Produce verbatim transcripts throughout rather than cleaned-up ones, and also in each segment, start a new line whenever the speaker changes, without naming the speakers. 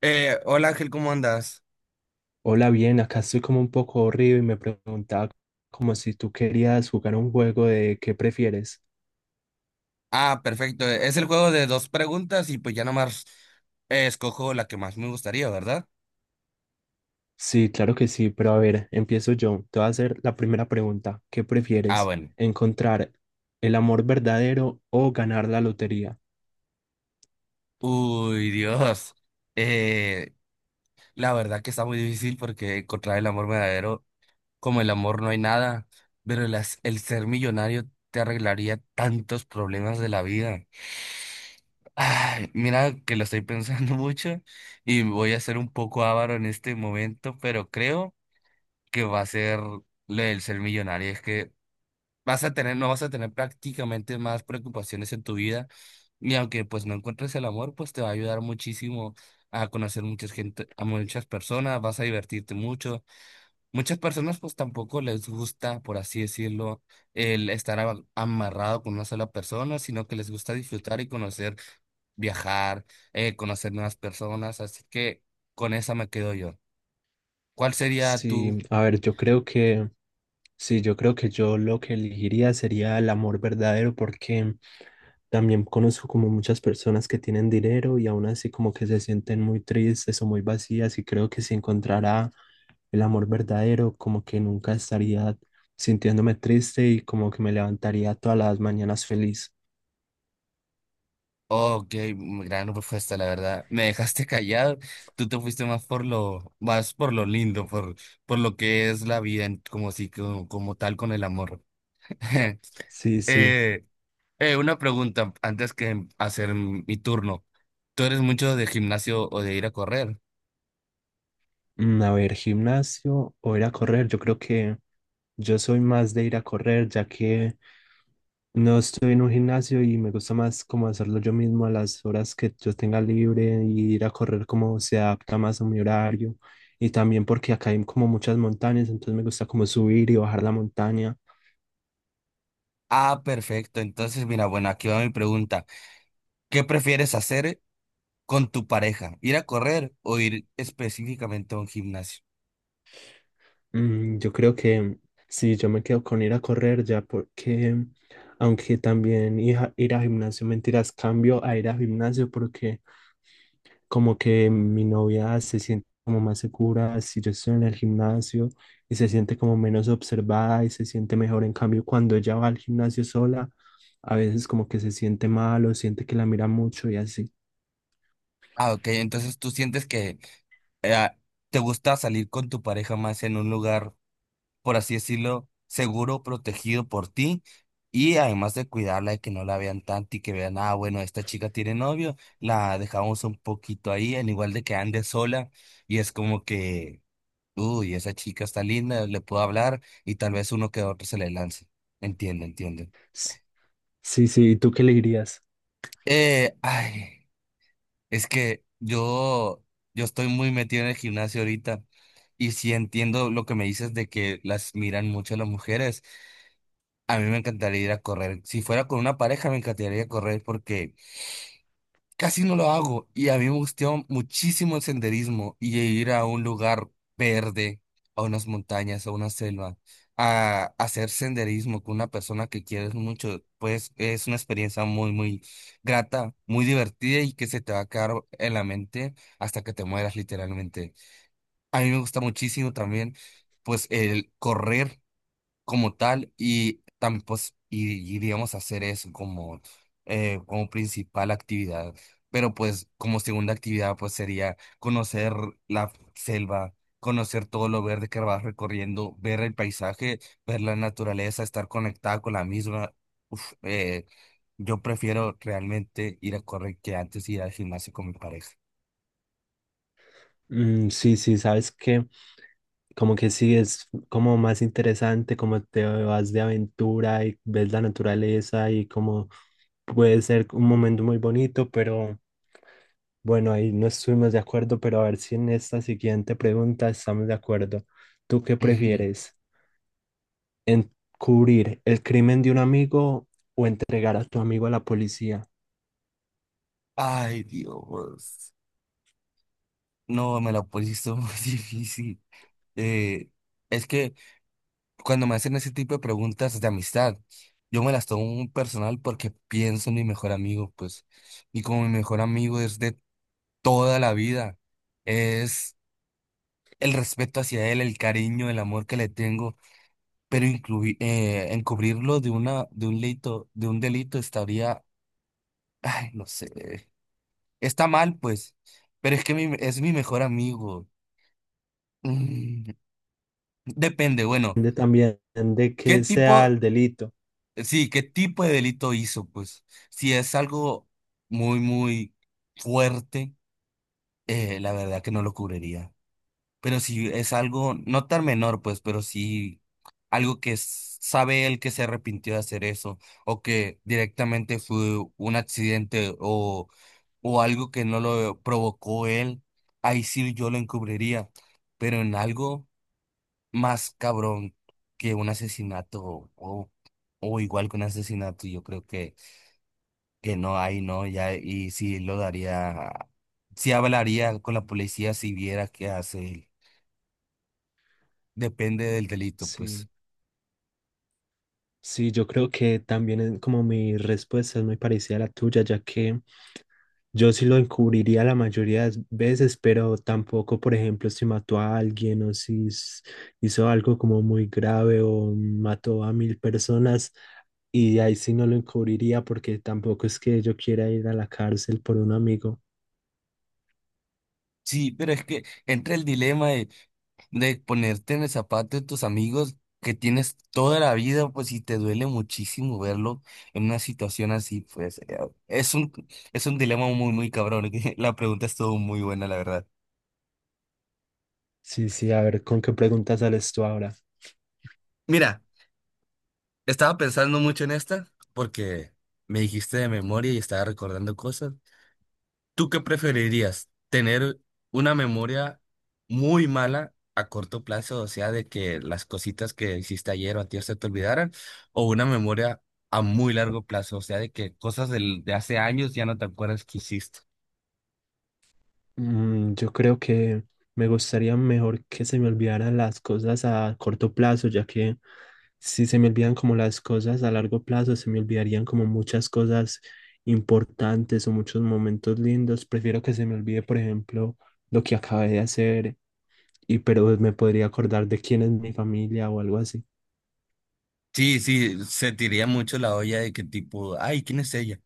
Eh, hola Ángel, ¿cómo andas?
Hola, bien, acá estoy como un poco aburrido y me preguntaba como si tú querías jugar un juego de qué prefieres.
Ah, perfecto. Es el juego de dos preguntas y pues ya nomás eh, escojo la que más me gustaría, ¿verdad?
Sí, claro que sí, pero a ver, empiezo yo. Te voy a hacer la primera pregunta. ¿Qué
Ah,
prefieres?
bueno.
¿Encontrar el amor verdadero o ganar la lotería?
Uy, Dios. Eh, la verdad que está muy difícil porque encontrar el amor verdadero, como el amor no hay nada, pero las- el ser millonario te arreglaría tantos problemas de la vida. Ay, mira que lo estoy pensando mucho y voy a ser un poco avaro en este momento, pero creo que va a ser lo del ser millonario. Es que vas a tener, no vas a tener prácticamente más preocupaciones en tu vida. Y aunque pues no encuentres el amor, pues te va a ayudar muchísimo a conocer mucha gente, a muchas personas, vas a divertirte mucho. Muchas personas pues tampoco les gusta, por así decirlo, el estar a- amarrado con una sola persona, sino que les gusta disfrutar y conocer, viajar, eh, conocer nuevas personas. Así que con esa me quedo yo. ¿Cuál sería
Sí,
tu?
a ver, yo creo que Sí, yo creo que yo lo que elegiría sería el amor verdadero, porque también conozco como muchas personas que tienen dinero y aún así como que se sienten muy tristes o muy vacías, y creo que si encontrara el amor verdadero como que nunca estaría sintiéndome triste y como que me levantaría todas las mañanas feliz.
Oh, ok, mm, gran propuesta, la verdad. Me dejaste callado. Tú te fuiste más por lo, más por lo lindo, por, por lo que es la vida, en- como si, como, como tal con el amor.
Sí, sí.
Eh, eh, una pregunta antes que hacer mi turno. ¿Tú eres mucho de gimnasio o de ir a correr?
Mm, A ver, gimnasio o ir a correr. Yo creo que yo soy más de ir a correr, ya que no estoy en un gimnasio y me gusta más como hacerlo yo mismo a las horas que yo tenga libre, y ir a correr como se adapta más a mi horario. Y también porque acá hay como muchas montañas, entonces me gusta como subir y bajar la montaña.
Ah, perfecto. Entonces, mira, bueno, aquí va mi pregunta. ¿Qué prefieres hacer con tu pareja? ¿Ir a correr o ir específicamente a un gimnasio?
Mm, yo creo que sí, yo me quedo con ir a correr ya porque, aunque también ir a, ir a gimnasio, mentiras, cambio a ir a gimnasio porque como que mi novia se siente como más segura si yo estoy en el gimnasio, y se siente como menos observada y se siente mejor. En cambio, cuando ella va al gimnasio sola, a veces como que se siente mal o siente que la mira mucho y así.
Ah, ok. Entonces, ¿tú sientes que eh, te gusta salir con tu pareja más en un lugar, por así decirlo, seguro, protegido por ti? Y además de cuidarla, de que no la vean tanto y que vean, ah, bueno, esta chica tiene novio, la dejamos un poquito ahí, en igual de que ande sola. Y es como que, uy, esa chica está linda, le puedo hablar y tal vez uno que otro se le lance. Entiendo, entiendo.
S- Sí, sí, ¿y tú qué le dirías?
Eh, ay. Es que yo, yo estoy muy metido en el gimnasio ahorita y sí entiendo lo que me dices de que las miran mucho las mujeres. A mí me encantaría ir a correr. Si fuera con una pareja, me encantaría ir a correr porque casi no lo hago y a mí me gustó muchísimo el senderismo y ir a un lugar verde, a unas montañas, a una selva, a hacer senderismo con una persona que quieres mucho, pues es una experiencia muy, muy grata, muy divertida y que se te va a quedar en la mente hasta que te mueras literalmente. A mí me gusta muchísimo también, pues el correr como tal y, tam- pues, y, y, digamos hacer eso como, eh, como principal actividad. Pero pues como segunda actividad pues sería conocer la selva, conocer todo lo verde que vas recorriendo, ver el paisaje, ver la naturaleza, estar conectada con la misma. Uf, eh, yo prefiero realmente ir a correr que antes ir al gimnasio con mi pareja.
Mm, sí, sí, sabes que como que sí es como más interesante, como te vas de aventura y ves la naturaleza y como puede ser un momento muy bonito, pero bueno, ahí no estuvimos de acuerdo, pero a ver si en esta siguiente pregunta estamos de acuerdo. ¿Tú qué
Ujú.
prefieres? ¿Encubrir el crimen de un amigo o entregar a tu amigo a la policía?
Ay, Dios. No, me la pusiste muy difícil. Eh, es que cuando me hacen ese tipo de preguntas de amistad, yo me las tomo muy personal porque pienso en mi mejor amigo, pues, y como mi mejor amigo es de toda la vida, es el respeto hacia él, el cariño, el amor que le tengo, pero incluir, encubrirlo de una, de un delito, de un delito estaría, ay, no sé, está mal, pues, pero es que mi- es mi mejor amigo. Mm, depende, bueno,
Depende también de
¿qué
que sea
tipo?
el delito.
Sí, ¿qué tipo de delito hizo? Pues si es algo muy, muy fuerte, eh, la verdad que no lo cubriría. Pero si es algo no tan menor, pues, pero sí algo que s- sabe él que se arrepintió de hacer eso, o que directamente fue un accidente o, o algo que no lo provocó él, ahí sí yo lo encubriría. Pero en algo más cabrón que un asesinato o, o igual que un asesinato, yo creo que que no hay, no, ya, y sí lo daría, sí hablaría con la policía si viera qué hace él. Depende del delito, pues.
Sí. Sí, yo creo que también es como mi respuesta es muy parecida a la tuya, ya que yo sí lo encubriría la mayoría de veces, pero tampoco, por ejemplo, si mató a alguien o si s- hizo algo como muy grave, o mató a mil personas, y ahí sí no lo encubriría porque tampoco es que yo quiera ir a la cárcel por un amigo.
Sí, pero es que entra el dilema de, de ponerte en el zapato de tus amigos que tienes toda la vida, pues, y te duele muchísimo verlo en una situación así, pues, eh, es un, es un dilema muy, muy cabrón. que La pregunta estuvo muy buena, la verdad.
Sí, sí, a ver, ¿con qué preguntas sales tú ahora?
Mira, estaba pensando mucho en esta porque me dijiste de memoria y estaba recordando cosas. ¿Tú qué preferirías? ¿Tener una memoria muy mala a corto plazo, o sea, de que las cositas que hiciste ayer o antier se te olvidaran, o una memoria a muy largo plazo, o sea, de que cosas del- de hace años ya no te acuerdas que hiciste?
Mm, yo creo que me gustaría mejor que se me olvidaran las cosas a corto plazo, ya que si se me olvidan como las cosas a largo plazo, se me olvidarían como muchas cosas importantes o muchos momentos lindos. Prefiero que se me olvide, por ejemplo, lo que acabé de hacer, y pero me podría acordar de quién es mi familia o algo así.
Sí, sí, sentiría mucho la olla de que tipo, ay, ¿quién es ella?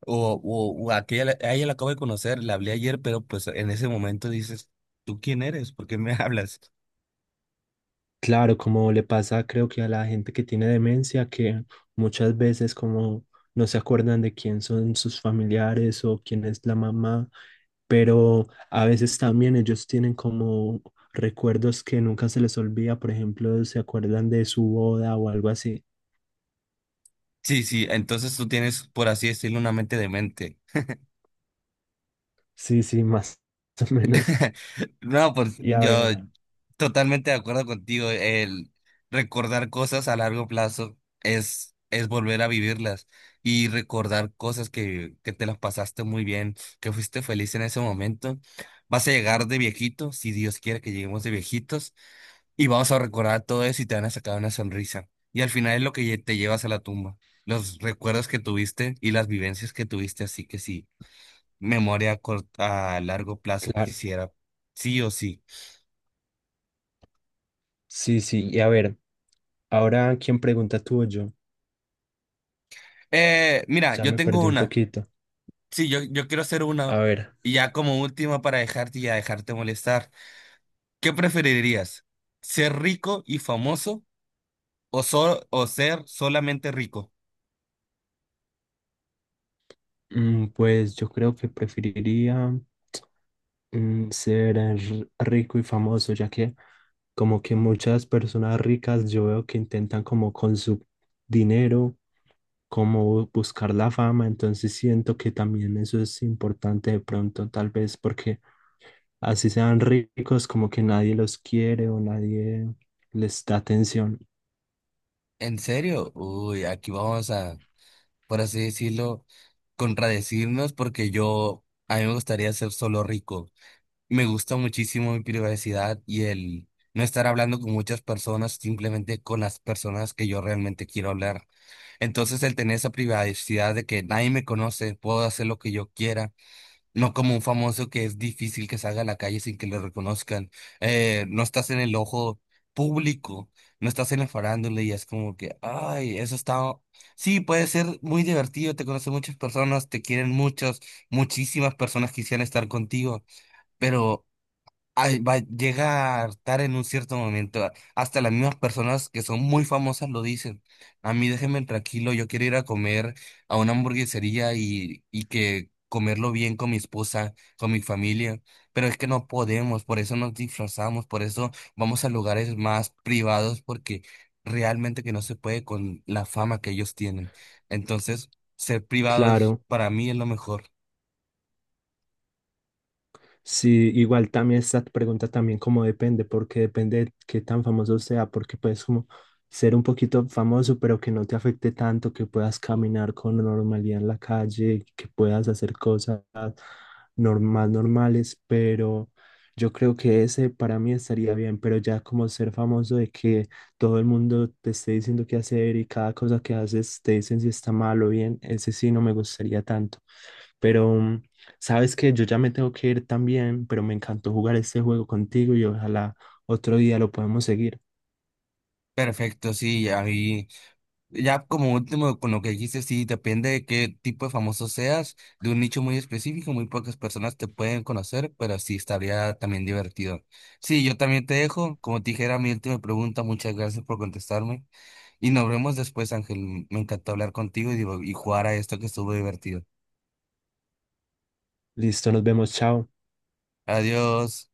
O, o, o aquella, la- a ella la acabo de conocer, la hablé ayer, pero pues en ese momento dices, ¿tú quién eres? ¿Por qué me hablas?
Claro, como le pasa creo que a la gente que tiene demencia, que muchas veces como no se acuerdan de quién son sus familiares o quién es la mamá, pero a veces también ellos tienen como recuerdos que nunca se les olvida, por ejemplo, se acuerdan de su boda o algo así.
Sí, sí, entonces tú tienes, por así decirlo, una mente demente.
Sí, sí, más o menos.
No, pues
Y a
yo
ver,
totalmente de acuerdo contigo. El recordar cosas a largo plazo es, es volver a vivirlas y recordar cosas que, que te las pasaste muy bien, que fuiste feliz en ese momento. Vas a llegar de viejito, si Dios quiere que lleguemos de viejitos, y vamos a recordar todo eso y te van a sacar una sonrisa. Y al final es lo que lle- te llevas a la tumba, los recuerdos que tuviste y las vivencias que tuviste. Así que sí. Memoria a, cort- a largo plazo
claro.
quisiera, sí o sí.
Sí, sí, y a ver, ahora quién pregunta, tú o yo.
Eh, mira,
Ya
yo
me
tengo
perdí un
una.
poquito.
Sí, yo, yo quiero hacer una.
A ver,
Y ya como última para dejarte y ya dejarte molestar. ¿Qué preferirías? ¿Ser rico y famoso o, so- o ser solamente rico?
mm, pues yo creo que preferiría... mm, ser r- rico y famoso, ya que como que muchas personas ricas yo veo que intentan como con su dinero, como buscar la fama, entonces siento que también eso es importante de pronto, tal vez porque así sean ricos, como que nadie los quiere o nadie les da atención.
¿En serio? Uy, aquí vamos a, por así decirlo, contradecirnos porque yo, a mí me gustaría ser solo rico. Me gusta muchísimo mi privacidad y el no estar hablando con muchas personas, simplemente con las personas que yo realmente quiero hablar. Entonces, el tener esa privacidad de que nadie me conoce, puedo hacer lo que yo quiera, no como un famoso que es difícil que salga a la calle sin que lo reconozcan. Eh, no estás en el ojo público, no estás en la farándula y es como que, ay, eso está... Sí, puede ser muy divertido, te conocen muchas personas, te quieren muchas, muchísimas personas quisieran estar contigo, pero ay, va a llegar tarde en un cierto momento. a- Hasta las mismas personas que son muy famosas lo dicen. A mí déjenme tranquilo, yo quiero ir a comer a una hamburguesería y, y que comerlo bien con mi esposa, con mi familia. Pero es que no podemos, por eso nos disfrazamos, por eso vamos a lugares más privados, porque realmente que no se puede con la fama que ellos tienen. Entonces, ser privado es
Claro.
para mí es lo mejor.
Sí, igual también esta pregunta también como depende, porque depende de qué tan famoso sea, porque puedes como ser un poquito famoso, pero que no te afecte tanto, que puedas caminar con normalidad en la calle, que puedas hacer cosas normal, normales, pero yo creo que ese para mí estaría bien, pero ya como ser famoso de que todo el mundo te esté diciendo qué hacer, y cada cosa que haces te dicen si está mal o bien, ese sí no me gustaría tanto, pero... mm, sabes que yo ya me tengo que ir también, pero me encantó jugar este juego contigo y ojalá otro día lo podemos seguir.
Perfecto, sí, ahí. Ya como último, con lo que dijiste, sí, depende de qué tipo de famoso seas, de un nicho muy específico, muy pocas personas te pueden conocer, pero sí estaría también divertido. Sí, yo también te dejo, como te dije, era mi última pregunta, muchas gracias por contestarme y nos vemos después, Ángel, me encantó hablar contigo y, digo- y jugar a esto que estuvo divertido.
Listo, nos vemos, chao.
Adiós.